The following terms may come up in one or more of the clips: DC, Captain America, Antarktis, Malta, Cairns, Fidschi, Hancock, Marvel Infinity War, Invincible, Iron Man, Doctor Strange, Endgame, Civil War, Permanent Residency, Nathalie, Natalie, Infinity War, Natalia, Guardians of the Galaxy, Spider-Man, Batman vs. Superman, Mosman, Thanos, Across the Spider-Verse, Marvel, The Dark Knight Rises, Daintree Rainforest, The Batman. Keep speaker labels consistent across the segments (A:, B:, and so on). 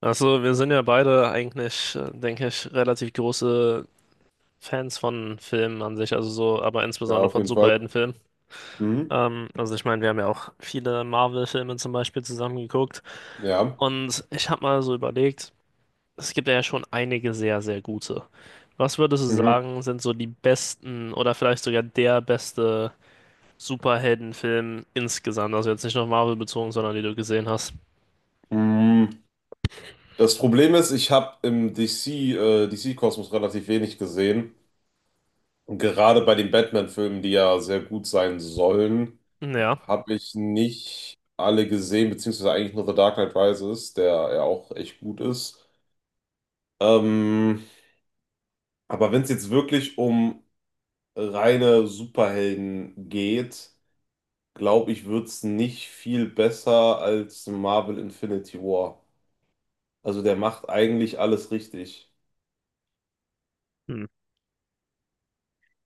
A: Also, wir sind ja beide eigentlich, denke ich, relativ große Fans von Filmen an sich, also so, aber
B: Ja,
A: insbesondere
B: auf
A: von
B: jeden Fall.
A: Superheldenfilmen.
B: Mhm.
A: Also ich meine, wir haben ja auch viele Marvel-Filme zum Beispiel zusammen geguckt.
B: Ja.
A: Und ich habe mal so überlegt, es gibt ja schon einige sehr, sehr gute. Was würdest du
B: Mhm.
A: sagen, sind so die besten oder vielleicht sogar der beste Superheldenfilm insgesamt? Also jetzt nicht nur Marvel bezogen, sondern die du gesehen hast.
B: Mhm. Das Problem ist, ich habe im DC-Kosmos relativ wenig gesehen. Und gerade bei den Batman-Filmen, die ja sehr gut sein sollen,
A: Ja.
B: habe ich nicht alle gesehen, beziehungsweise eigentlich nur The Dark Knight Rises, der ja auch echt gut ist. Ähm, aber wenn es jetzt wirklich um reine Superhelden geht, glaube ich, wird es nicht viel besser als Marvel Infinity War. Also der macht eigentlich alles richtig.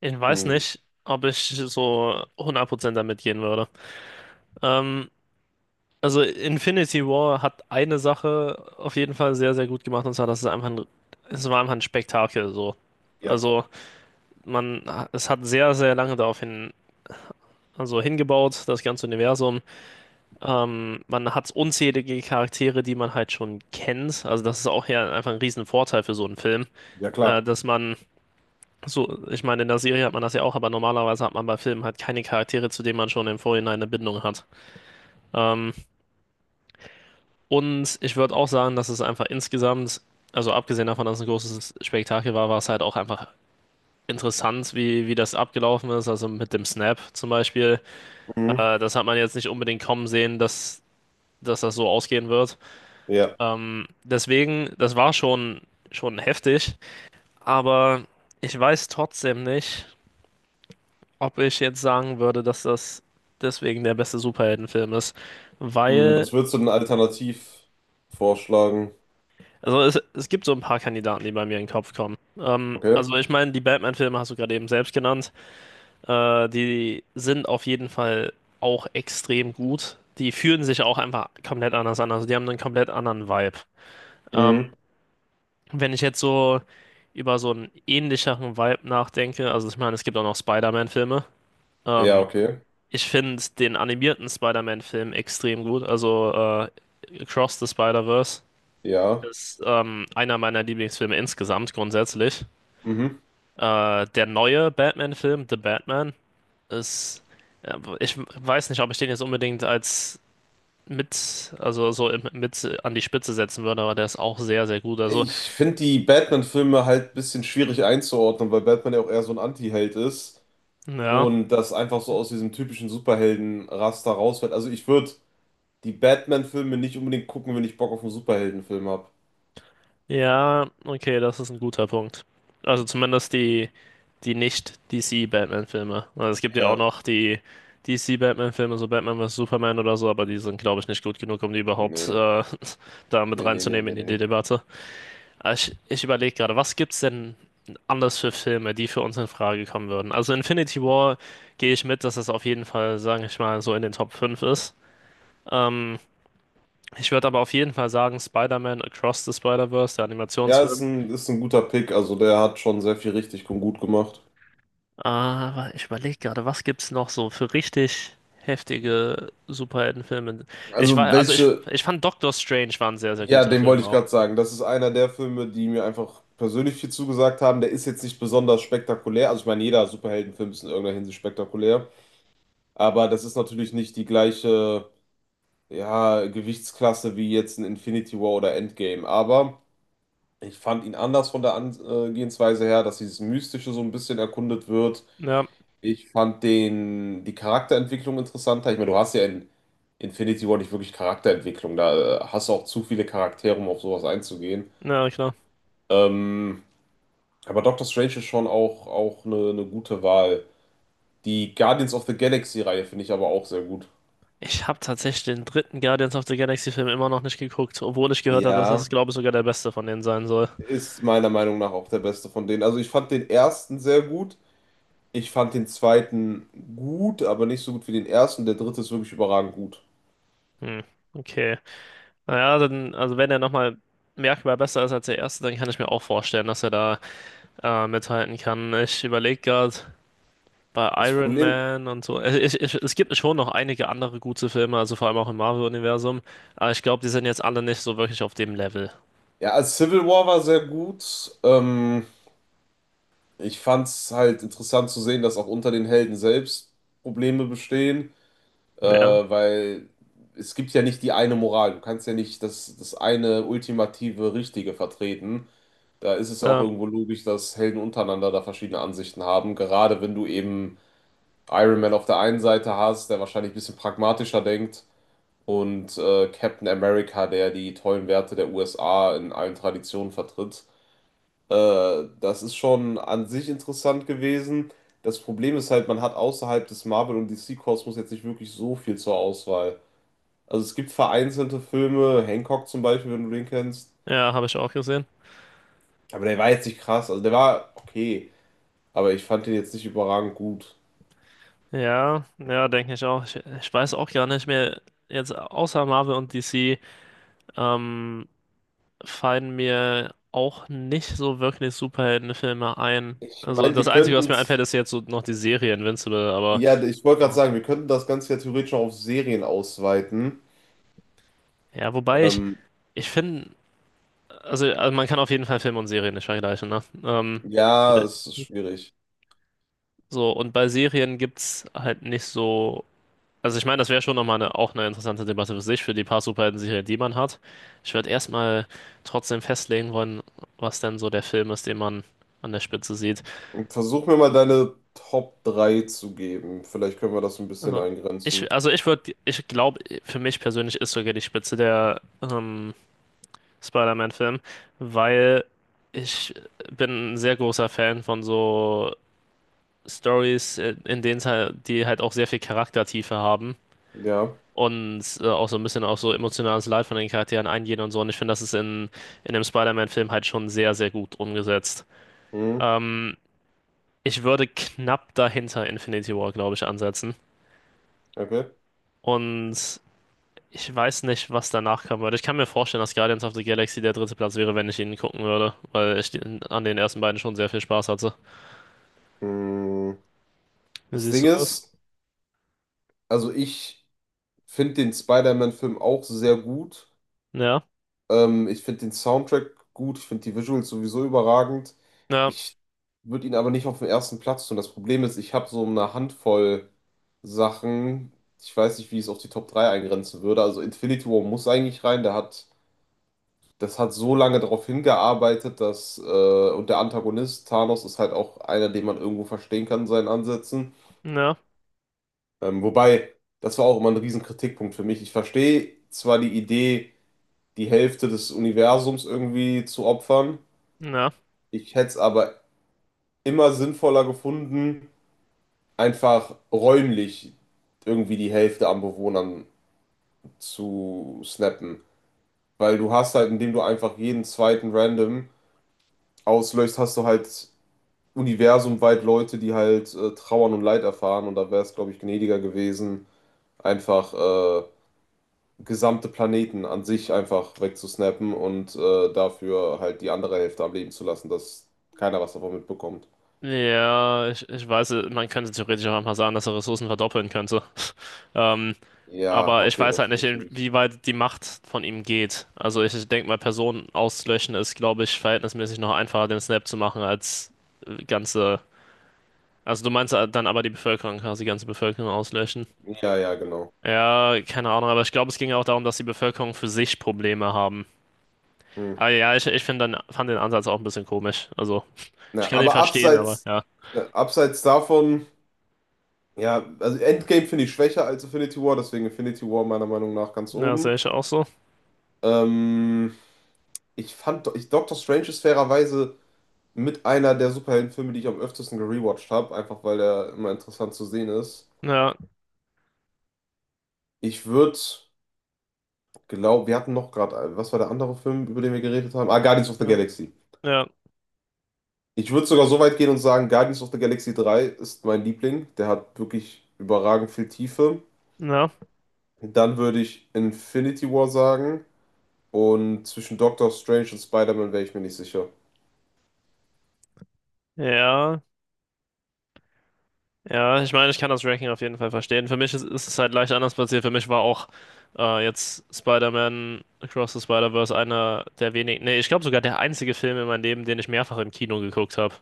A: Ich weiß
B: Hm.
A: nicht, ob ich so 100% damit gehen würde. Ähm, also Infinity War hat eine Sache auf jeden Fall sehr, sehr gut gemacht, und zwar, dass es war einfach ein Spektakel so.
B: Ja,
A: Also man, es hat sehr, sehr lange also hingebaut, das ganze Universum. Man hat unzählige Charaktere, die man halt schon kennt. Also das ist auch ja einfach ein riesen Vorteil für so einen Film,
B: ja klar.
A: dass man so, ich meine, in der Serie hat man das ja auch, aber normalerweise hat man bei Filmen halt keine Charaktere, zu denen man schon im Vorhinein eine Bindung hat. Ähm, und ich würde auch sagen, dass es einfach insgesamt, also abgesehen davon, dass es ein großes Spektakel war, war es halt auch einfach interessant, wie das abgelaufen ist. Also mit dem Snap zum Beispiel.
B: Mhm.
A: Das hat man jetzt nicht unbedingt kommen sehen, dass das so ausgehen wird.
B: Ja.
A: Deswegen, schon heftig, aber ich weiß trotzdem nicht, ob ich jetzt sagen würde, dass das deswegen der beste Superheldenfilm ist.
B: Mhm.
A: Weil,
B: Was würdest du denn alternativ vorschlagen?
A: es gibt so ein paar Kandidaten, die bei mir in den Kopf kommen.
B: Okay.
A: Also ich meine, die Batman-Filme hast du gerade eben selbst genannt. Die sind auf jeden Fall auch extrem gut. Die fühlen sich auch einfach komplett anders an. Also die haben einen komplett anderen Vibe. Ähm,
B: Mhm.
A: wenn ich jetzt so über so einen ähnlicheren Vibe nachdenke, also ich meine, es gibt auch noch Spider-Man-Filme.
B: Ja,
A: Ähm,
B: okay.
A: Ich finde den animierten Spider-Man-Film extrem gut. Also Across the Spider-Verse
B: Ja.
A: ist einer meiner Lieblingsfilme insgesamt grundsätzlich.
B: Mhm.
A: Der neue Batman-Film, The Batman, ist, ja, ich weiß nicht, ob ich den jetzt unbedingt als mit, also so im- mit an die Spitze setzen würde, aber der ist auch sehr, sehr gut. Also,
B: Ich finde die Batman-Filme halt ein bisschen schwierig einzuordnen, weil Batman ja auch eher so ein Anti-Held ist
A: ja.
B: und das einfach so aus diesem typischen Superhelden-Raster rausfällt. Also ich würde die Batman-Filme nicht unbedingt gucken, wenn ich Bock auf einen Superheldenfilm habe.
A: Ja, okay, das ist ein guter Punkt. Also die Nicht-DC-Batman-Filme. Also es gibt ja auch
B: Ja.
A: noch die DC-Batman-Filme, so Batman vs. Superman oder so, aber die sind, glaube ich, nicht gut genug, um die überhaupt
B: Nee.
A: da mit
B: Nee, nee, nee, nee,
A: reinzunehmen in
B: nee.
A: die Debatte. Aber ich überlege gerade, was gibt's denn anders für Filme, die für uns in Frage kommen würden? Also Infinity War gehe ich mit, dass es auf jeden Fall, sage ich mal, so in den Top 5 ist. Ähm, ich würde aber auf jeden Fall sagen, Spider-Man Across the Spider-Verse, der
B: Ja,
A: Animationsfilm.
B: ist ein guter Pick. Also der hat schon sehr viel richtig und gut gemacht.
A: Aber ich überlege gerade, was gibt's noch so für richtig heftige Superheldenfilme?
B: Also welche,
A: Ich fand Doctor Strange war ein sehr, sehr
B: ja,
A: guter
B: den
A: Film
B: wollte ich
A: auch.
B: gerade sagen. Das ist einer der Filme, die mir einfach persönlich viel zugesagt haben. Der ist jetzt nicht besonders spektakulär. Also ich meine, jeder Superheldenfilm ist in irgendeiner Hinsicht spektakulär. Aber das ist natürlich nicht die gleiche, ja, Gewichtsklasse wie jetzt ein Infinity War oder Endgame. Aber ich fand ihn anders von der Angehensweise her, dass dieses Mystische so ein bisschen erkundet wird.
A: Ja,
B: Ich fand den, die Charakterentwicklung interessanter. Ich meine, du hast ja in Infinity War nicht wirklich Charakterentwicklung. Da hast du auch zu viele Charaktere, um auf sowas einzugehen.
A: ja, klar.
B: Ähm, aber Doctor Strange ist schon auch, auch eine gute Wahl. Die Guardians of the Galaxy-Reihe finde ich aber auch sehr gut.
A: Ich habe tatsächlich den dritten Guardians of the Galaxy Film immer noch nicht geguckt, obwohl ich gehört habe, dass
B: Ja,
A: das, glaube ich, sogar der beste von denen sein soll.
B: ist meiner Meinung nach auch der beste von denen. Also ich fand den ersten sehr gut. Ich fand den zweiten gut, aber nicht so gut wie den ersten. Der dritte ist wirklich überragend gut.
A: Hm, okay. Naja, dann, also wenn er nochmal merkbar besser ist als der erste, dann kann ich mir auch vorstellen, dass er da mithalten kann. Ich überlege gerade bei
B: Das
A: Iron
B: Problem,
A: Man und so. Es gibt schon noch einige andere gute Filme, also vor allem auch im Marvel-Universum. Aber ich glaube, die sind jetzt alle nicht so wirklich auf dem Level.
B: ja, also Civil War war sehr gut. Ich fand es halt interessant zu sehen, dass auch unter den Helden selbst Probleme bestehen,
A: Ja,
B: weil es gibt ja nicht die eine Moral. Du kannst ja nicht das, das eine ultimative Richtige vertreten. Da ist es ja auch
A: ja,
B: irgendwo logisch, dass Helden untereinander da verschiedene Ansichten haben. Gerade wenn du eben Iron Man auf der einen Seite hast, der wahrscheinlich ein bisschen pragmatischer denkt, und Captain America, der die tollen Werte der USA in allen Traditionen vertritt. Das ist schon an sich interessant gewesen. Das Problem ist halt, man hat außerhalb des Marvel- und DC-Kosmos jetzt nicht wirklich so viel zur Auswahl. Also es gibt vereinzelte Filme, Hancock zum Beispiel, wenn du den kennst.
A: ja, habe ich auch gesehen.
B: Aber der war jetzt nicht krass. Also der war okay, aber ich fand den jetzt nicht überragend gut.
A: Ja, ja, denke ich auch. Ich weiß auch gar nicht mehr. Jetzt außer Marvel und DC, ähm, fallen mir auch nicht so wirklich Superheldenfilme ein.
B: Ich
A: Also
B: meine,
A: das
B: wir
A: Einzige,
B: könnten
A: was mir einfällt,
B: es,
A: ist jetzt so noch die Serie Invincible, aber
B: ja, ich wollte gerade
A: ja,
B: sagen, wir könnten das Ganze ja theoretisch auch auf Serien ausweiten.
A: ja, wobei ich,
B: Ähm,
A: ich finde, also man kann auf jeden Fall Filme und Serien nicht vergleichen, ne?
B: ja,
A: Oder
B: es ist schwierig.
A: so, und bei Serien gibt's halt nicht so. Also ich meine, das wäre schon nochmal eine, auch eine interessante Debatte für sich, für die paar Superhelden-Serien, die man hat. Ich würde erstmal trotzdem festlegen wollen, was denn so der Film ist, den man an der Spitze sieht.
B: Versuch mir mal deine Top 3 zu geben. Vielleicht können wir das ein bisschen
A: Also
B: eingrenzen.
A: ich glaube, für mich persönlich ist sogar die Spitze der Spider-Man-Film, weil ich bin ein sehr großer Fan von so Stories, in denen es halt, die halt auch sehr viel Charaktertiefe haben
B: Ja,
A: und auch so ein bisschen auf so emotionales Leid von den Charakteren eingehen und so. Und ich finde, das ist in dem Spider-Man-Film halt schon sehr, sehr gut umgesetzt.
B: hm,
A: Ähm, ich würde knapp dahinter Infinity War, glaube ich, ansetzen.
B: okay.
A: Und ich weiß nicht, was danach kommen würde. Ich kann mir vorstellen, dass Guardians of the Galaxy der dritte Platz wäre, wenn ich ihn gucken würde, weil ich den, an den ersten beiden schon sehr viel Spaß hatte.
B: Hm.
A: Wie
B: Das
A: siehst
B: Ding
A: du das?
B: ist, also ich finde den Spider-Man-Film auch sehr gut.
A: Ja,
B: Ich finde den Soundtrack gut. Ich finde die Visuals sowieso überragend.
A: ja,
B: Ich würde ihn aber nicht auf den ersten Platz tun. Das Problem ist, ich habe so eine Handvoll Sachen. Ich weiß nicht, wie ich es auf die Top 3 eingrenzen würde. Also Infinity War muss eigentlich rein. Der hat Das hat so lange darauf hingearbeitet, dass, und der Antagonist Thanos ist halt auch einer, den man irgendwo verstehen kann in seinen Ansätzen.
A: ja,
B: Ähm, wobei, das war auch immer ein riesen Kritikpunkt für mich. Ich verstehe zwar die Idee, die Hälfte des Universums irgendwie zu opfern,
A: ja.
B: ich hätte es aber immer sinnvoller gefunden, einfach räumlich irgendwie die Hälfte an Bewohnern zu snappen. Weil du hast halt, indem du einfach jeden zweiten Random auslöst, hast du halt universumweit Leute, die halt trauern und Leid erfahren. Und da wäre es, glaube ich, gnädiger gewesen, einfach gesamte Planeten an sich einfach wegzusnappen und dafür halt die andere Hälfte am Leben zu lassen, dass keiner was davon mitbekommt.
A: Ja, ich weiß, man könnte theoretisch auch einfach sagen, dass er Ressourcen verdoppeln könnte. Ähm,
B: Ja,
A: aber ich
B: okay,
A: weiß
B: das
A: halt
B: ist
A: nicht,
B: natürlich.
A: inwieweit die Macht von ihm geht. Also ich denke mal, Personen auszulöschen ist, glaube ich, verhältnismäßig noch einfacher, den Snap zu machen, als ganze... Also du meinst dann aber die Bevölkerung, quasi die ganze Bevölkerung auslöschen.
B: Ja, ja, genau.
A: Ja, keine Ahnung, aber ich glaube, es ging ja auch darum, dass die Bevölkerung für sich Probleme haben.
B: Hm.
A: Aber ja, fand den Ansatz auch ein bisschen komisch. Also ich
B: Na,
A: kann ihn
B: aber
A: verstehen, aber ja.
B: abseits davon, ja, also Endgame finde ich schwächer als Infinity War, deswegen Infinity War meiner Meinung nach ganz
A: Ja, sehe
B: oben.
A: ich auch so.
B: Ähm, Doctor Strange ist fairerweise mit einer der Superheldenfilme, die ich am öftesten gerewatcht habe, einfach weil er immer interessant zu sehen ist.
A: Ja.
B: Ich würde Glaube, wir hatten noch gerade, was war der andere Film, über den wir geredet haben? Ah, Guardians of the
A: Ja.
B: Galaxy.
A: Ja,
B: Ich würde sogar so weit gehen und sagen, Guardians of the Galaxy 3 ist mein Liebling. Der hat wirklich überragend viel Tiefe.
A: ja,
B: Dann würde ich Infinity War sagen. Und zwischen Doctor Strange und Spider-Man wäre ich mir nicht sicher.
A: ja, ja. Ich meine, ich kann das Ranking auf jeden Fall verstehen. Für mich ist es halt leicht anders passiert. Für mich war auch jetzt Spider-Man Across the Spider-Verse einer der wenigen, nee, ich glaube sogar der einzige Film in meinem Leben, den ich mehrfach im Kino geguckt habe.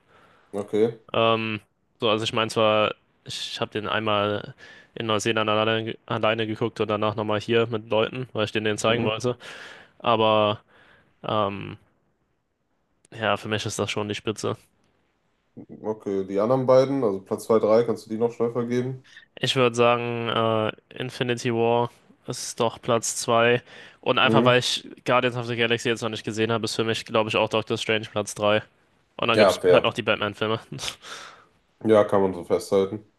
B: Okay.
A: Ähm, so, also ich meine zwar, ich habe den einmal in Neuseeland alleine geguckt und danach nochmal hier mit Leuten, weil ich denen den zeigen
B: Mhm.
A: wollte. Aber ähm, ja, für mich ist das schon die Spitze.
B: Okay, die anderen beiden, also Platz 2 3 kannst du die noch schnell vergeben?
A: Ich würde sagen, Infinity War ist doch Platz 2. Und einfach weil
B: Mhm.
A: ich Guardians of the Galaxy jetzt noch nicht gesehen habe, ist für mich, glaube ich, auch Doctor Strange Platz 3. Und dann gibt
B: Ja,
A: es halt
B: fair.
A: noch die Batman-Filme.
B: Ja, kann man so festhalten.